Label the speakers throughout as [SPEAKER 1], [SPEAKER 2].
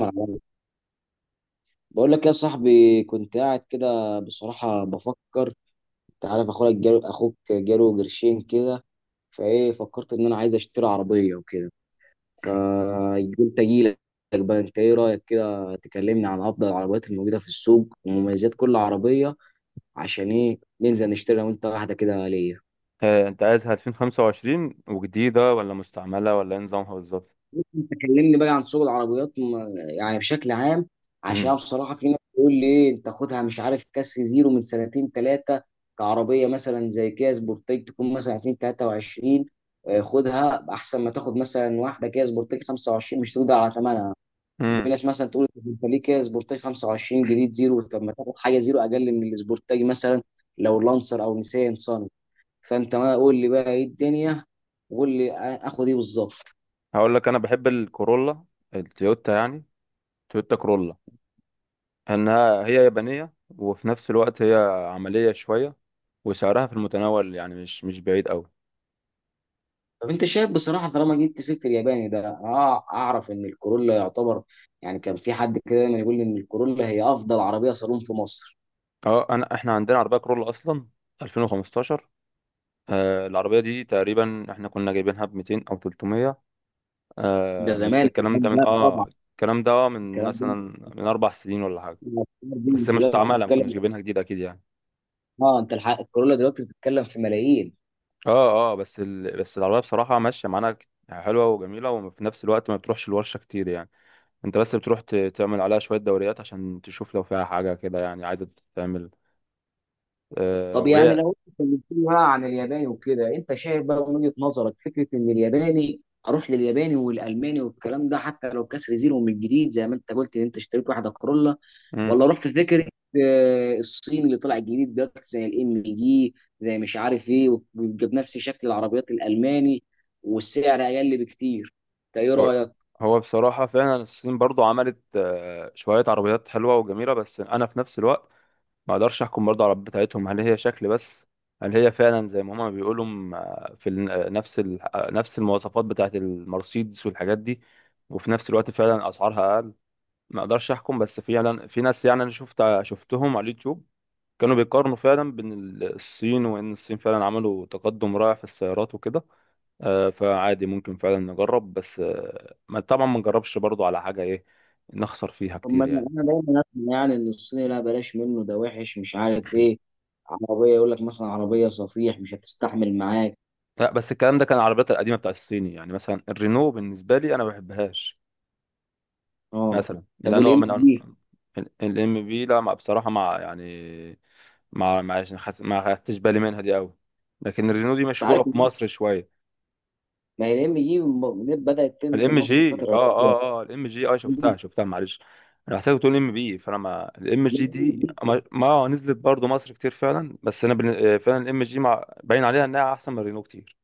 [SPEAKER 1] معايا. بقول لك يا صاحبي، كنت قاعد كده بصراحة بفكر. انت عارف، اخوك جاله قرشين كده، فايه فكرت ان انا عايز اشتري عربية وكده، فقلت اجيلك. بقى انت ايه رأيك، كده تكلمني عن افضل العربيات الموجودة في السوق ومميزات كل عربية، عشان ايه ننزل نشتري انا وانت واحدة كده ليا.
[SPEAKER 2] آه، انت عايزها 2025 وجديدة ولا مستعملة ولا ايه نظامها بالظبط؟
[SPEAKER 1] انت كلمني بقى عن سوق العربيات، يعني بشكل عام، عشان بصراحه في ناس بتقول لي إيه، انت خدها مش عارف كاس زيرو من سنتين ثلاثه، كعربيه مثلا زي كيا سبورتيج تكون مثلا 2023. خدها احسن ما تاخد مثلا واحده كيا سبورتيج 25، مش تقدر على ثمنها. وفي
[SPEAKER 2] امم
[SPEAKER 1] ناس مثلا تقول طب انت ليه كيا سبورتيج 25 جديد زيرو؟ طب ما تاخد حاجه زيرو اقل من السبورتيج، مثلا لو لانسر او نيسان صني. فانت ما قول لي بقى ايه الدنيا، وقول لي اخد ايه بالظبط.
[SPEAKER 2] هقول لك انا بحب الكورولا، التويوتا يعني، تويوتا كورولا. انها هي يابانية، وفي نفس الوقت هي عملية شوية، وسعرها في المتناول يعني مش بعيد قوي.
[SPEAKER 1] طب انت شايف بصراحه، طالما جبت سيره الياباني ده، اعرف ان الكورولا يعتبر، يعني كان في حد كده دايما يقول لي ان الكورولا هي افضل عربيه صالون في مصر.
[SPEAKER 2] اه احنا عندنا عربية كورولا اصلا، 2015. العربية دي تقريبا احنا كنا جايبينها ب 200 او 300.
[SPEAKER 1] ده
[SPEAKER 2] بس
[SPEAKER 1] زمان
[SPEAKER 2] الكلام
[SPEAKER 1] الكلام
[SPEAKER 2] ده من
[SPEAKER 1] ده طبعا،
[SPEAKER 2] اه الكلام ده من
[SPEAKER 1] الكلام ده،
[SPEAKER 2] مثلا من 4 سنين ولا حاجة.
[SPEAKER 1] الأفكار دي
[SPEAKER 2] بس
[SPEAKER 1] انت دلوقتي
[SPEAKER 2] مستعمله، ما كناش
[SPEAKER 1] بتتكلم.
[SPEAKER 2] جايبينها جديده اكيد يعني.
[SPEAKER 1] اه، انت الحق، الكورولا دلوقتي بتتكلم في ملايين.
[SPEAKER 2] اه بس العربيه بصراحه ماشيه معانا، يعني حلوه وجميله، وفي نفس الوقت ما بتروحش الورشه كتير يعني. انت بس بتروح تعمل عليها شويه دوريات عشان تشوف لو فيها حاجه كده يعني عايزه تتعمل. آه
[SPEAKER 1] طب يعني
[SPEAKER 2] وهي
[SPEAKER 1] لو انت اتكلمت لي بقى عن الياباني وكده، انت شايف بقى من وجهه نظرك فكره ان الياباني، اروح للياباني والالماني والكلام ده حتى لو كسر زيرو من جديد زي ما انت قلت ان انت اشتريت واحده كورولا،
[SPEAKER 2] مم.
[SPEAKER 1] ولا اروح في فكره الصين اللي طلع جديد ده زي الام جي، زي مش عارف ايه، ويبقى بنفس شكل العربيات الالماني، والسعر اقل بكتير. انت ايه
[SPEAKER 2] هو...
[SPEAKER 1] رايك؟
[SPEAKER 2] هو بصراحه فعلا الصين برضو عملت شويه عربيات حلوه وجميله. بس انا في نفس الوقت ما اقدرش احكم برضه على العربيات بتاعتهم، هل هي شكل بس؟ هل هي فعلا زي ما هما بيقولوا نفس المواصفات بتاعت المرسيدس والحاجات دي، وفي نفس الوقت فعلا اسعارها اقل؟ ما اقدرش احكم. بس فعلا في ناس، يعني انا شفتهم على اليوتيوب كانوا بيقارنوا فعلا بين الصين، وان الصين فعلا عملوا تقدم رائع في السيارات وكده. فعادي ممكن فعلا نجرب، بس ما طبعا ما نجربش برضه على حاجة ايه نخسر فيها
[SPEAKER 1] طب ما
[SPEAKER 2] كتير
[SPEAKER 1] انا،
[SPEAKER 2] يعني.
[SPEAKER 1] دايما اسمع يعني ان الصيني لا، بلاش منه ده وحش مش عارف ايه، عربيه يقول لك مثلا عربيه صفيح مش هتستحمل معاك.
[SPEAKER 2] لا، بس الكلام ده كان العربيات القديمه بتاع الصيني، يعني مثلا الرينو بالنسبه لي انا ما بحبهاش
[SPEAKER 1] اه.
[SPEAKER 2] مثلا،
[SPEAKER 1] طب
[SPEAKER 2] ده نوع
[SPEAKER 1] والام
[SPEAKER 2] من
[SPEAKER 1] جي،
[SPEAKER 2] الام بي. لا، مع بصراحه مع يعني مع، ما خدتش بالي منها دي قوي، لكن الرينو دي
[SPEAKER 1] انت
[SPEAKER 2] مشهوره
[SPEAKER 1] عارف،
[SPEAKER 2] في مصر شويه.
[SPEAKER 1] ما هي الام جي بدات تنزل
[SPEAKER 2] الام
[SPEAKER 1] مصر
[SPEAKER 2] جي اه
[SPEAKER 1] الفتره
[SPEAKER 2] اه اه الام جي اه شفتها، معلش انا حسيت بتقول ام بي. فانا ما الام جي دي
[SPEAKER 1] الاخيره.
[SPEAKER 2] ما نزلت برضو مصر كتير فعلا، بس انا فعلا الام جي مع، باين عليها انها احسن من الرينو كتير.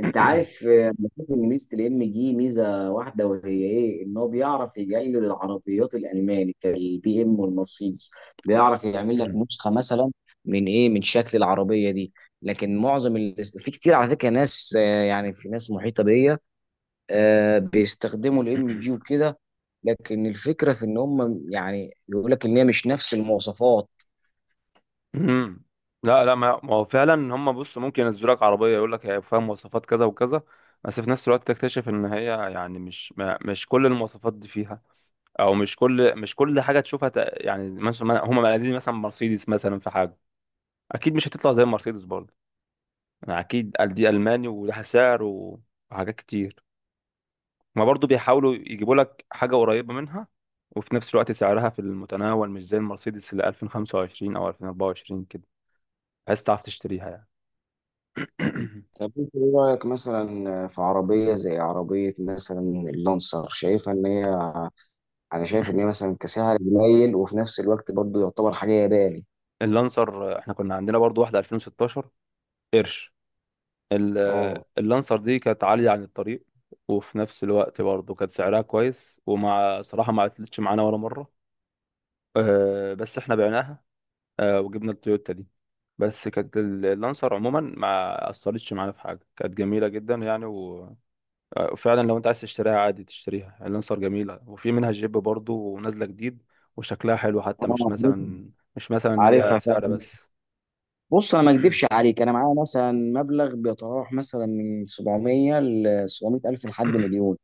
[SPEAKER 1] انت عارف، بشوف ان ميزه الام جي ميزه واحده، وهي ايه؟ ان هو بيعرف يقلد العربيات الالماني كالبي ام والمرسيدس، بيعرف يعمل لك نسخه مثلا، من ايه؟ من شكل العربيه دي. لكن معظم في كتير على فكره ناس، يعني في ناس محيطه بيا، بيستخدموا الام جي وكده. لكن الفكره في ان هم يعني بيقول لك ان هي مش نفس المواصفات.
[SPEAKER 2] امم لا، لا، ما هو فعلا هم، بص، ممكن ينزلوا لك عربيه يقول لك هي فيها مواصفات كذا وكذا، بس في نفس الوقت تكتشف ان هي يعني مش كل المواصفات دي فيها، او مش كل حاجه تشوفها. يعني مثلا هم مقلدين مثلا مرسيدس، مثلا في حاجه اكيد مش هتطلع زي مرسيدس برضه. يعني اكيد، قال دي الماني ولها سعر وحاجات كتير. ما برضه بيحاولوا يجيبوا لك حاجه قريبه منها، وفي نفس الوقت سعرها في المتناول، مش زي المرسيدس اللي 2025 او 2024 كده، بحيث تعرف تشتريها يعني.
[SPEAKER 1] طب انت ايه رايك مثلا في عربيه، زي عربيه مثلا اللانسر، شايفها ان هي، انا شايف ان هي مثلا كسعر قليل، وفي نفس الوقت برضه يعتبر حاجه يداري.
[SPEAKER 2] اللانسر، احنا كنا عندنا برضو واحدة 2016 قرش. ال-
[SPEAKER 1] اه،
[SPEAKER 2] اللانسر دي كانت عالية عن الطريق، وفي نفس الوقت برضو كانت سعرها كويس، ومع صراحة ما عطلتش معانا ولا مرة. اه، بس احنا بعناها، اه، وجبنا التويوتا دي. بس كانت اللانسر عموما ما أثرتش معانا في حاجة، كانت جميلة جدا يعني اه، وفعلا لو انت عايز تشتريها عادي تشتريها، اللانسر جميلة وفي منها جيب برضو، ونازلة جديد وشكلها حلو، حتى مش
[SPEAKER 1] اه،
[SPEAKER 2] مثلا مش مثلا هي
[SPEAKER 1] عارفها
[SPEAKER 2] سعر
[SPEAKER 1] فعلا.
[SPEAKER 2] بس.
[SPEAKER 1] بص، انا ما اكدبش عليك، انا معايا مثلا مبلغ بيتراوح مثلا من 700 ل 700 الف لحد مليون.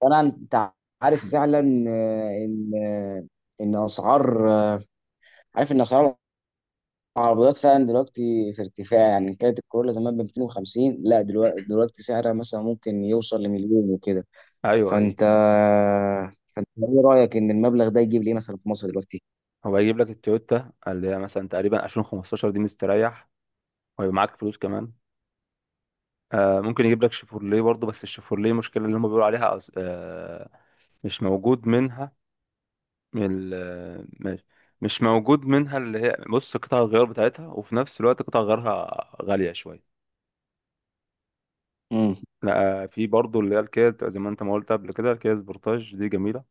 [SPEAKER 1] انت عارف فعلا، آه، ان آه، ان اسعار عارف ان اسعار العربيات فعلا دلوقتي في ارتفاع، يعني كانت الكورولا زمان ب 250، لا دلوقتي، سعرها مثلا ممكن يوصل لمليون وكده.
[SPEAKER 2] ايوه، ايوه،
[SPEAKER 1] فانت فانت ايه رايك ان المبلغ ده يجيب لي إيه مثلا في مصر دلوقتي؟
[SPEAKER 2] هو هيجيب لك التويوتا، اللي هي مثلا تقريبا 2015 دي، مستريح، وهيبقى معاك فلوس كمان. ممكن يجيب لك شيفورليه برضه، بس الشيفورليه المشكلة اللي هم بيقولوا عليها مش موجود منها. ال- آه، مش مش موجود منها، اللي هي بص قطع الغيار بتاعتها، وفي نفس الوقت قطع غيارها غالية شوية.
[SPEAKER 1] امم
[SPEAKER 2] لا، في برضه اللي هي الكيا، بتبقى زي ما انت ما قلت قبل كده، الكيا سبورتاج دي جميلة،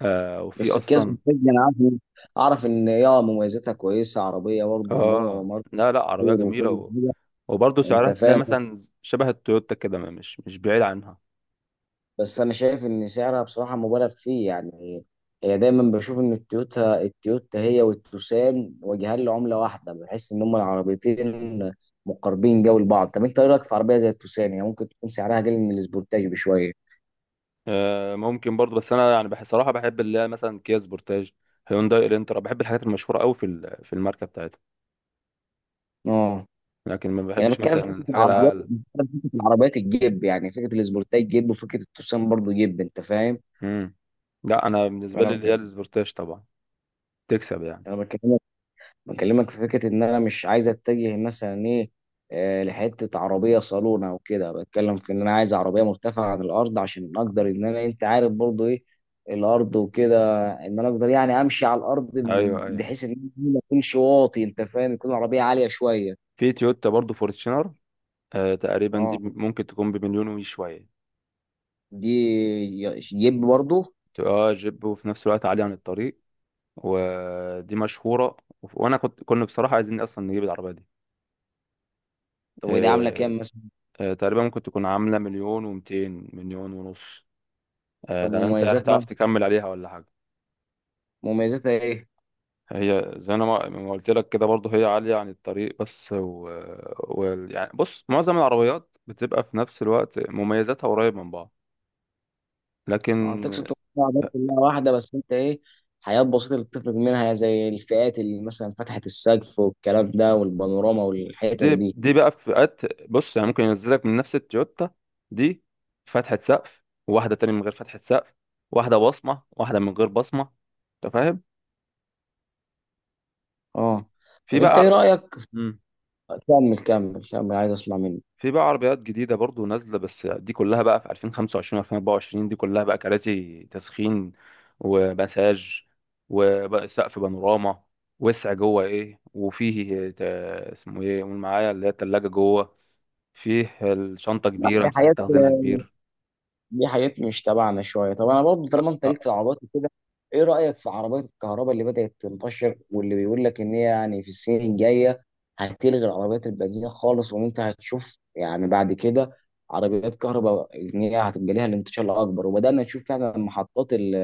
[SPEAKER 2] وفي
[SPEAKER 1] بس الكيس
[SPEAKER 2] أصلا.
[SPEAKER 1] بالفعل انا عارف اعرف ان يا مميزاتها كويسه، عربيه برضه نوع
[SPEAKER 2] اه
[SPEAKER 1] وماركه
[SPEAKER 2] لا، لا، عربية
[SPEAKER 1] كتير وكل
[SPEAKER 2] جميلة
[SPEAKER 1] حاجه،
[SPEAKER 2] وبرضه
[SPEAKER 1] انت
[SPEAKER 2] سعرها تلاقي
[SPEAKER 1] فاهم.
[SPEAKER 2] مثلا شبه التويوتا كده، مش بعيد عنها.
[SPEAKER 1] بس انا شايف ان سعرها بصراحه مبالغ فيه يعني، هي دايما بشوف ان التويوتا، هي والتوسان وجهان لعمله واحده، بحس ان هم العربيتين مقربين جو لبعض. طب انت ايه رايك في عربيه زي التوسان، يعني ممكن تكون سعرها اقل من السبورتاج بشويه؟
[SPEAKER 2] ممكن برضو، بس انا يعني بحس صراحه بحب اللي هي مثلا كيا سبورتاج، هيونداي الانترا، بحب الحاجات المشهوره قوي في الماركه بتاعتها،
[SPEAKER 1] اه،
[SPEAKER 2] لكن ما
[SPEAKER 1] يعني انا
[SPEAKER 2] بحبش
[SPEAKER 1] بتكلم في
[SPEAKER 2] مثلا
[SPEAKER 1] فكره
[SPEAKER 2] الحاجه
[SPEAKER 1] العربيات،
[SPEAKER 2] الاقل.
[SPEAKER 1] بتكلم في فكره العربيات الجيب، يعني فكره الاسبورتاي جيب وفكره التوسان برضو جيب، انت فاهم.
[SPEAKER 2] امم لا، انا بالنسبه لي
[SPEAKER 1] فانا،
[SPEAKER 2] اللي هي السبورتاج طبعا تكسب يعني.
[SPEAKER 1] انا بكلمك، في فكره ان انا مش عايز اتجه مثلا ايه، لحته عربيه صالون او كده، بتكلم في ان انا عايز عربيه مرتفعه عن الارض عشان اقدر ان انا، انت عارف برضو ايه الارض وكده، ان انا اقدر يعني امشي على الارض،
[SPEAKER 2] ايوه، ايوه،
[SPEAKER 1] بحيث ان أنا ما اكونش واطي، انت فاهم، يكون العربيه عاليه شويه.
[SPEAKER 2] في تويوتا برضو فورتشنر. تقريبا دي
[SPEAKER 1] اه،
[SPEAKER 2] ممكن تكون بمليون وشويه.
[SPEAKER 1] دي جيب برضو.
[SPEAKER 2] اه جيب، وفي نفس الوقت عاليه عن الطريق، ودي مشهوره، وانا كنا بصراحه عايزين اصلا نجيب العربيه دي.
[SPEAKER 1] طب ودي عامله كام
[SPEAKER 2] آه
[SPEAKER 1] مثلا؟
[SPEAKER 2] تقريبا ممكن تكون عامله مليون و200، مليون ونص.
[SPEAKER 1] طب
[SPEAKER 2] لان انت يعني تعرف تكمل عليها ولا حاجه.
[SPEAKER 1] مميزاتها ايه؟
[SPEAKER 2] هي زي انا ما قلت لك كده برضه، هي عاليه عن الطريق بس و... يعني بص، معظم العربيات بتبقى في نفس الوقت مميزاتها قريب من بعض.
[SPEAKER 1] اه،
[SPEAKER 2] لكن
[SPEAKER 1] تقصد تقول طبعاً بس كلها واحدة، بس انت ايه، حاجات بسيطة اللي بتفرق منها، زي الفئات اللي مثلا فتحة السقف والكلام ده والبانوراما والحتت
[SPEAKER 2] دي
[SPEAKER 1] دي.
[SPEAKER 2] دي بقى في فئات. بص، يعني ممكن ينزلك من نفس التويوتا دي فتحة سقف، وواحده تانية من غير فتحة سقف، واحده بصمه، واحده من غير بصمه، انت فاهم.
[SPEAKER 1] اه.
[SPEAKER 2] في
[SPEAKER 1] طب انت ايه
[SPEAKER 2] بقى.
[SPEAKER 1] رأيك؟
[SPEAKER 2] مم.
[SPEAKER 1] كمل كمل كمل، عايز اسمع منك.
[SPEAKER 2] في بقى عربيات جديدة برضو نازلة، بس دي كلها بقى في 2025 و2024، دي كلها بقى كراسي تسخين، ومساج، وبقى سقف بانوراما، وسع جوه. ايه وفيه اسمه ايه؟ قول معايا، اللي هي التلاجة جوه. فيه الشنطة
[SPEAKER 1] لا،
[SPEAKER 2] كبيرة،
[SPEAKER 1] دي
[SPEAKER 2] مساحة
[SPEAKER 1] حاجات،
[SPEAKER 2] تخزينها كبير.
[SPEAKER 1] مش تبعنا شويه. طب انا برضو، طالما انت ليك
[SPEAKER 2] آه،
[SPEAKER 1] في العربيات وكده، ايه رايك في عربيات الكهرباء اللي بدات تنتشر، واللي بيقول لك ان هي يعني في السنين الجايه هتلغي العربيات البنزين خالص، وان انت هتشوف يعني بعد كده عربيات كهرباء، ان هي هتبقى ليها الانتشار الاكبر. وبدانا نشوف فعلا محطات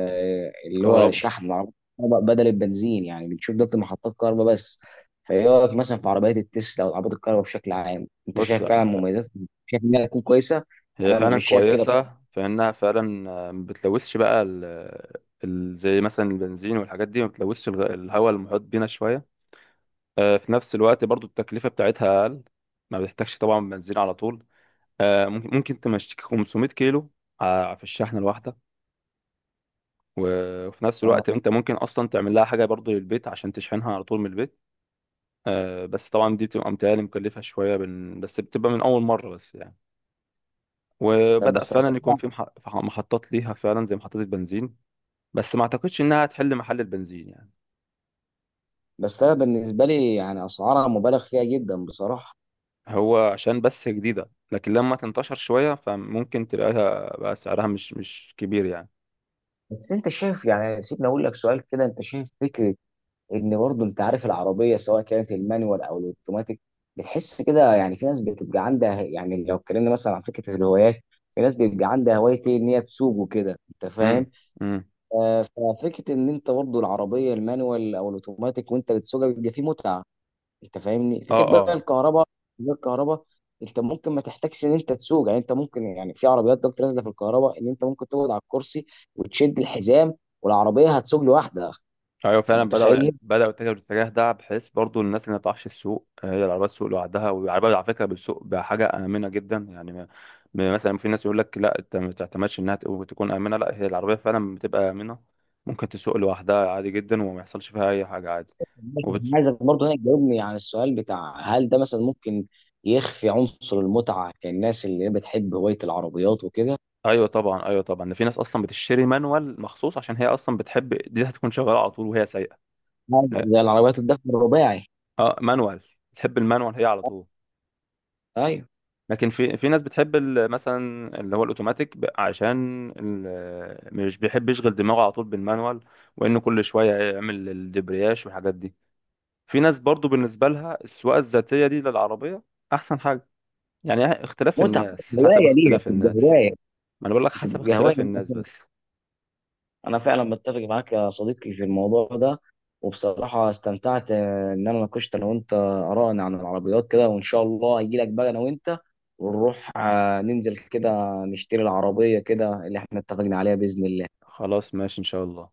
[SPEAKER 1] اللي هو
[SPEAKER 2] كهرباء،
[SPEAKER 1] شحن العربيات الكهرباء بدل البنزين، يعني بنشوف دلوقتي محطات كهرباء بس. فايه رايك مثلا في عربيات التسلا او العربيات الكهرباء بشكل عام؟ انت
[SPEAKER 2] بص
[SPEAKER 1] شايف فعلا مميزات، شايف انها تكون كويسه؟
[SPEAKER 2] هي
[SPEAKER 1] انا
[SPEAKER 2] فعلا
[SPEAKER 1] مش شايف كده.
[SPEAKER 2] كويسة، فإنها فعلا ما بتلوثش بقى زي مثلا البنزين والحاجات دي، ما بتلوثش الهواء المحيط بينا شوية. في نفس الوقت برضو التكلفة بتاعتها أقل، ما بتحتاجش طبعا بنزين على طول. ممكن تمشيك 500 كيلو في الشحنة الواحدة، و- وفي نفس الوقت انت ممكن اصلا تعمل لها حاجة برضو للبيت عشان تشحنها على طول من البيت. بس طبعا دي بتبقى متهيألي مكلفة شوية، بس بتبقى من أول مرة بس يعني.
[SPEAKER 1] طب
[SPEAKER 2] وبدأ
[SPEAKER 1] بس
[SPEAKER 2] فعلا يكون
[SPEAKER 1] أسعار،
[SPEAKER 2] في في محطات ليها فعلا زي محطات البنزين، بس ما اعتقدش انها هتحل محل البنزين يعني.
[SPEAKER 1] بس أنا بالنسبة لي يعني أسعارها مبالغ فيها جدا بصراحة.
[SPEAKER 2] هو عشان بس جديدة، لكن لما تنتشر شوية فممكن تلاقيها بقى سعرها مش كبير يعني.
[SPEAKER 1] بس أنت شايف، يعني سيبني أقول لك سؤال كده، أنت شايف فكرة إن برضه، أنت عارف العربية سواء كانت المانيوال أو الأوتوماتيك، بتحس كده، يعني في ناس بتبقى عندها، يعني لو اتكلمنا مثلا عن فكرة الهوايات، في ناس بيبقى عندها هواية إيه، إن هي تسوق وكده، أنت فاهم.
[SPEAKER 2] امم امم
[SPEAKER 1] ففكرة إن أنت برضه العربية المانيوال أو الأوتوماتيك وأنت بتسوقها بيبقى فيه متعة. انت فاهمني،
[SPEAKER 2] اه
[SPEAKER 1] فكره بقى
[SPEAKER 2] اه
[SPEAKER 1] الكهرباء غير الكهرباء، انت ممكن ما تحتاجش ان انت تسوق. يعني انت ممكن، يعني في عربيات دلوقتي نازله في الكهرباء ان انت ممكن تقعد على الكرسي وتشد الحزام، والعربيه هتسوق لوحدها.
[SPEAKER 2] ايوه
[SPEAKER 1] انت
[SPEAKER 2] فعلا، بداوا
[SPEAKER 1] متخيل؟
[SPEAKER 2] بداوا يتجهوا الاتجاه ده، بحيث برضو الناس اللي ما تعرفش السوق، هي العربيات السوق لوحدها، والعربيات على فكره بالسوق بحاجه امنه جدا يعني. مثلا في ناس يقول لك لا، انت ما تعتمدش انها تكون امنه، لا هي العربيه فعلا بتبقى امنه، ممكن تسوق لوحدها عادي جدا، وما يحصلش فيها اي حاجه عادي وبت...
[SPEAKER 1] عايزك برضه هنا تجاوبني عن السؤال بتاع، هل ده مثلا ممكن يخفي عنصر المتعه كالناس اللي بتحب هوايه العربيات وكده،
[SPEAKER 2] ايوه طبعا، ايوه طبعا، ده في ناس اصلا بتشتري مانوال مخصوص عشان هي اصلا بتحب دي، هتكون شغاله على طول وهي سايقه. لا،
[SPEAKER 1] زي العربيات الدفع الرباعي؟
[SPEAKER 2] اه مانوال، بتحب المانوال هي على طول.
[SPEAKER 1] ايوه،
[SPEAKER 2] لكن في ناس بتحب مثلا اللي هو الاوتوماتيك، عشان مش بيحب يشغل دماغه على طول بالمانوال، وانه كل شويه يعمل الدبرياش والحاجات دي. في ناس برضو بالنسبه لها السواقه الذاتيه دي للعربيه احسن حاجه. يعني اختلاف
[SPEAKER 1] متعه،
[SPEAKER 2] الناس حسب
[SPEAKER 1] هوايه ليها،
[SPEAKER 2] اختلاف الناس. ما انا بقول لك حسب
[SPEAKER 1] بتبقى هوايه
[SPEAKER 2] اختلاف الناس
[SPEAKER 1] ليها.
[SPEAKER 2] بس.
[SPEAKER 1] انا فعلا بتفق معاك يا صديقي في الموضوع ده، وبصراحه استمتعت ان انا ناقشت انا وانت ارائنا عن العربيات كده، وان شاء الله اجي لك بقى انا وانت، ونروح ننزل كده نشتري العربيه كده اللي احنا اتفقنا عليها، باذن الله.
[SPEAKER 2] خلاص، ماشي ان شاء الله.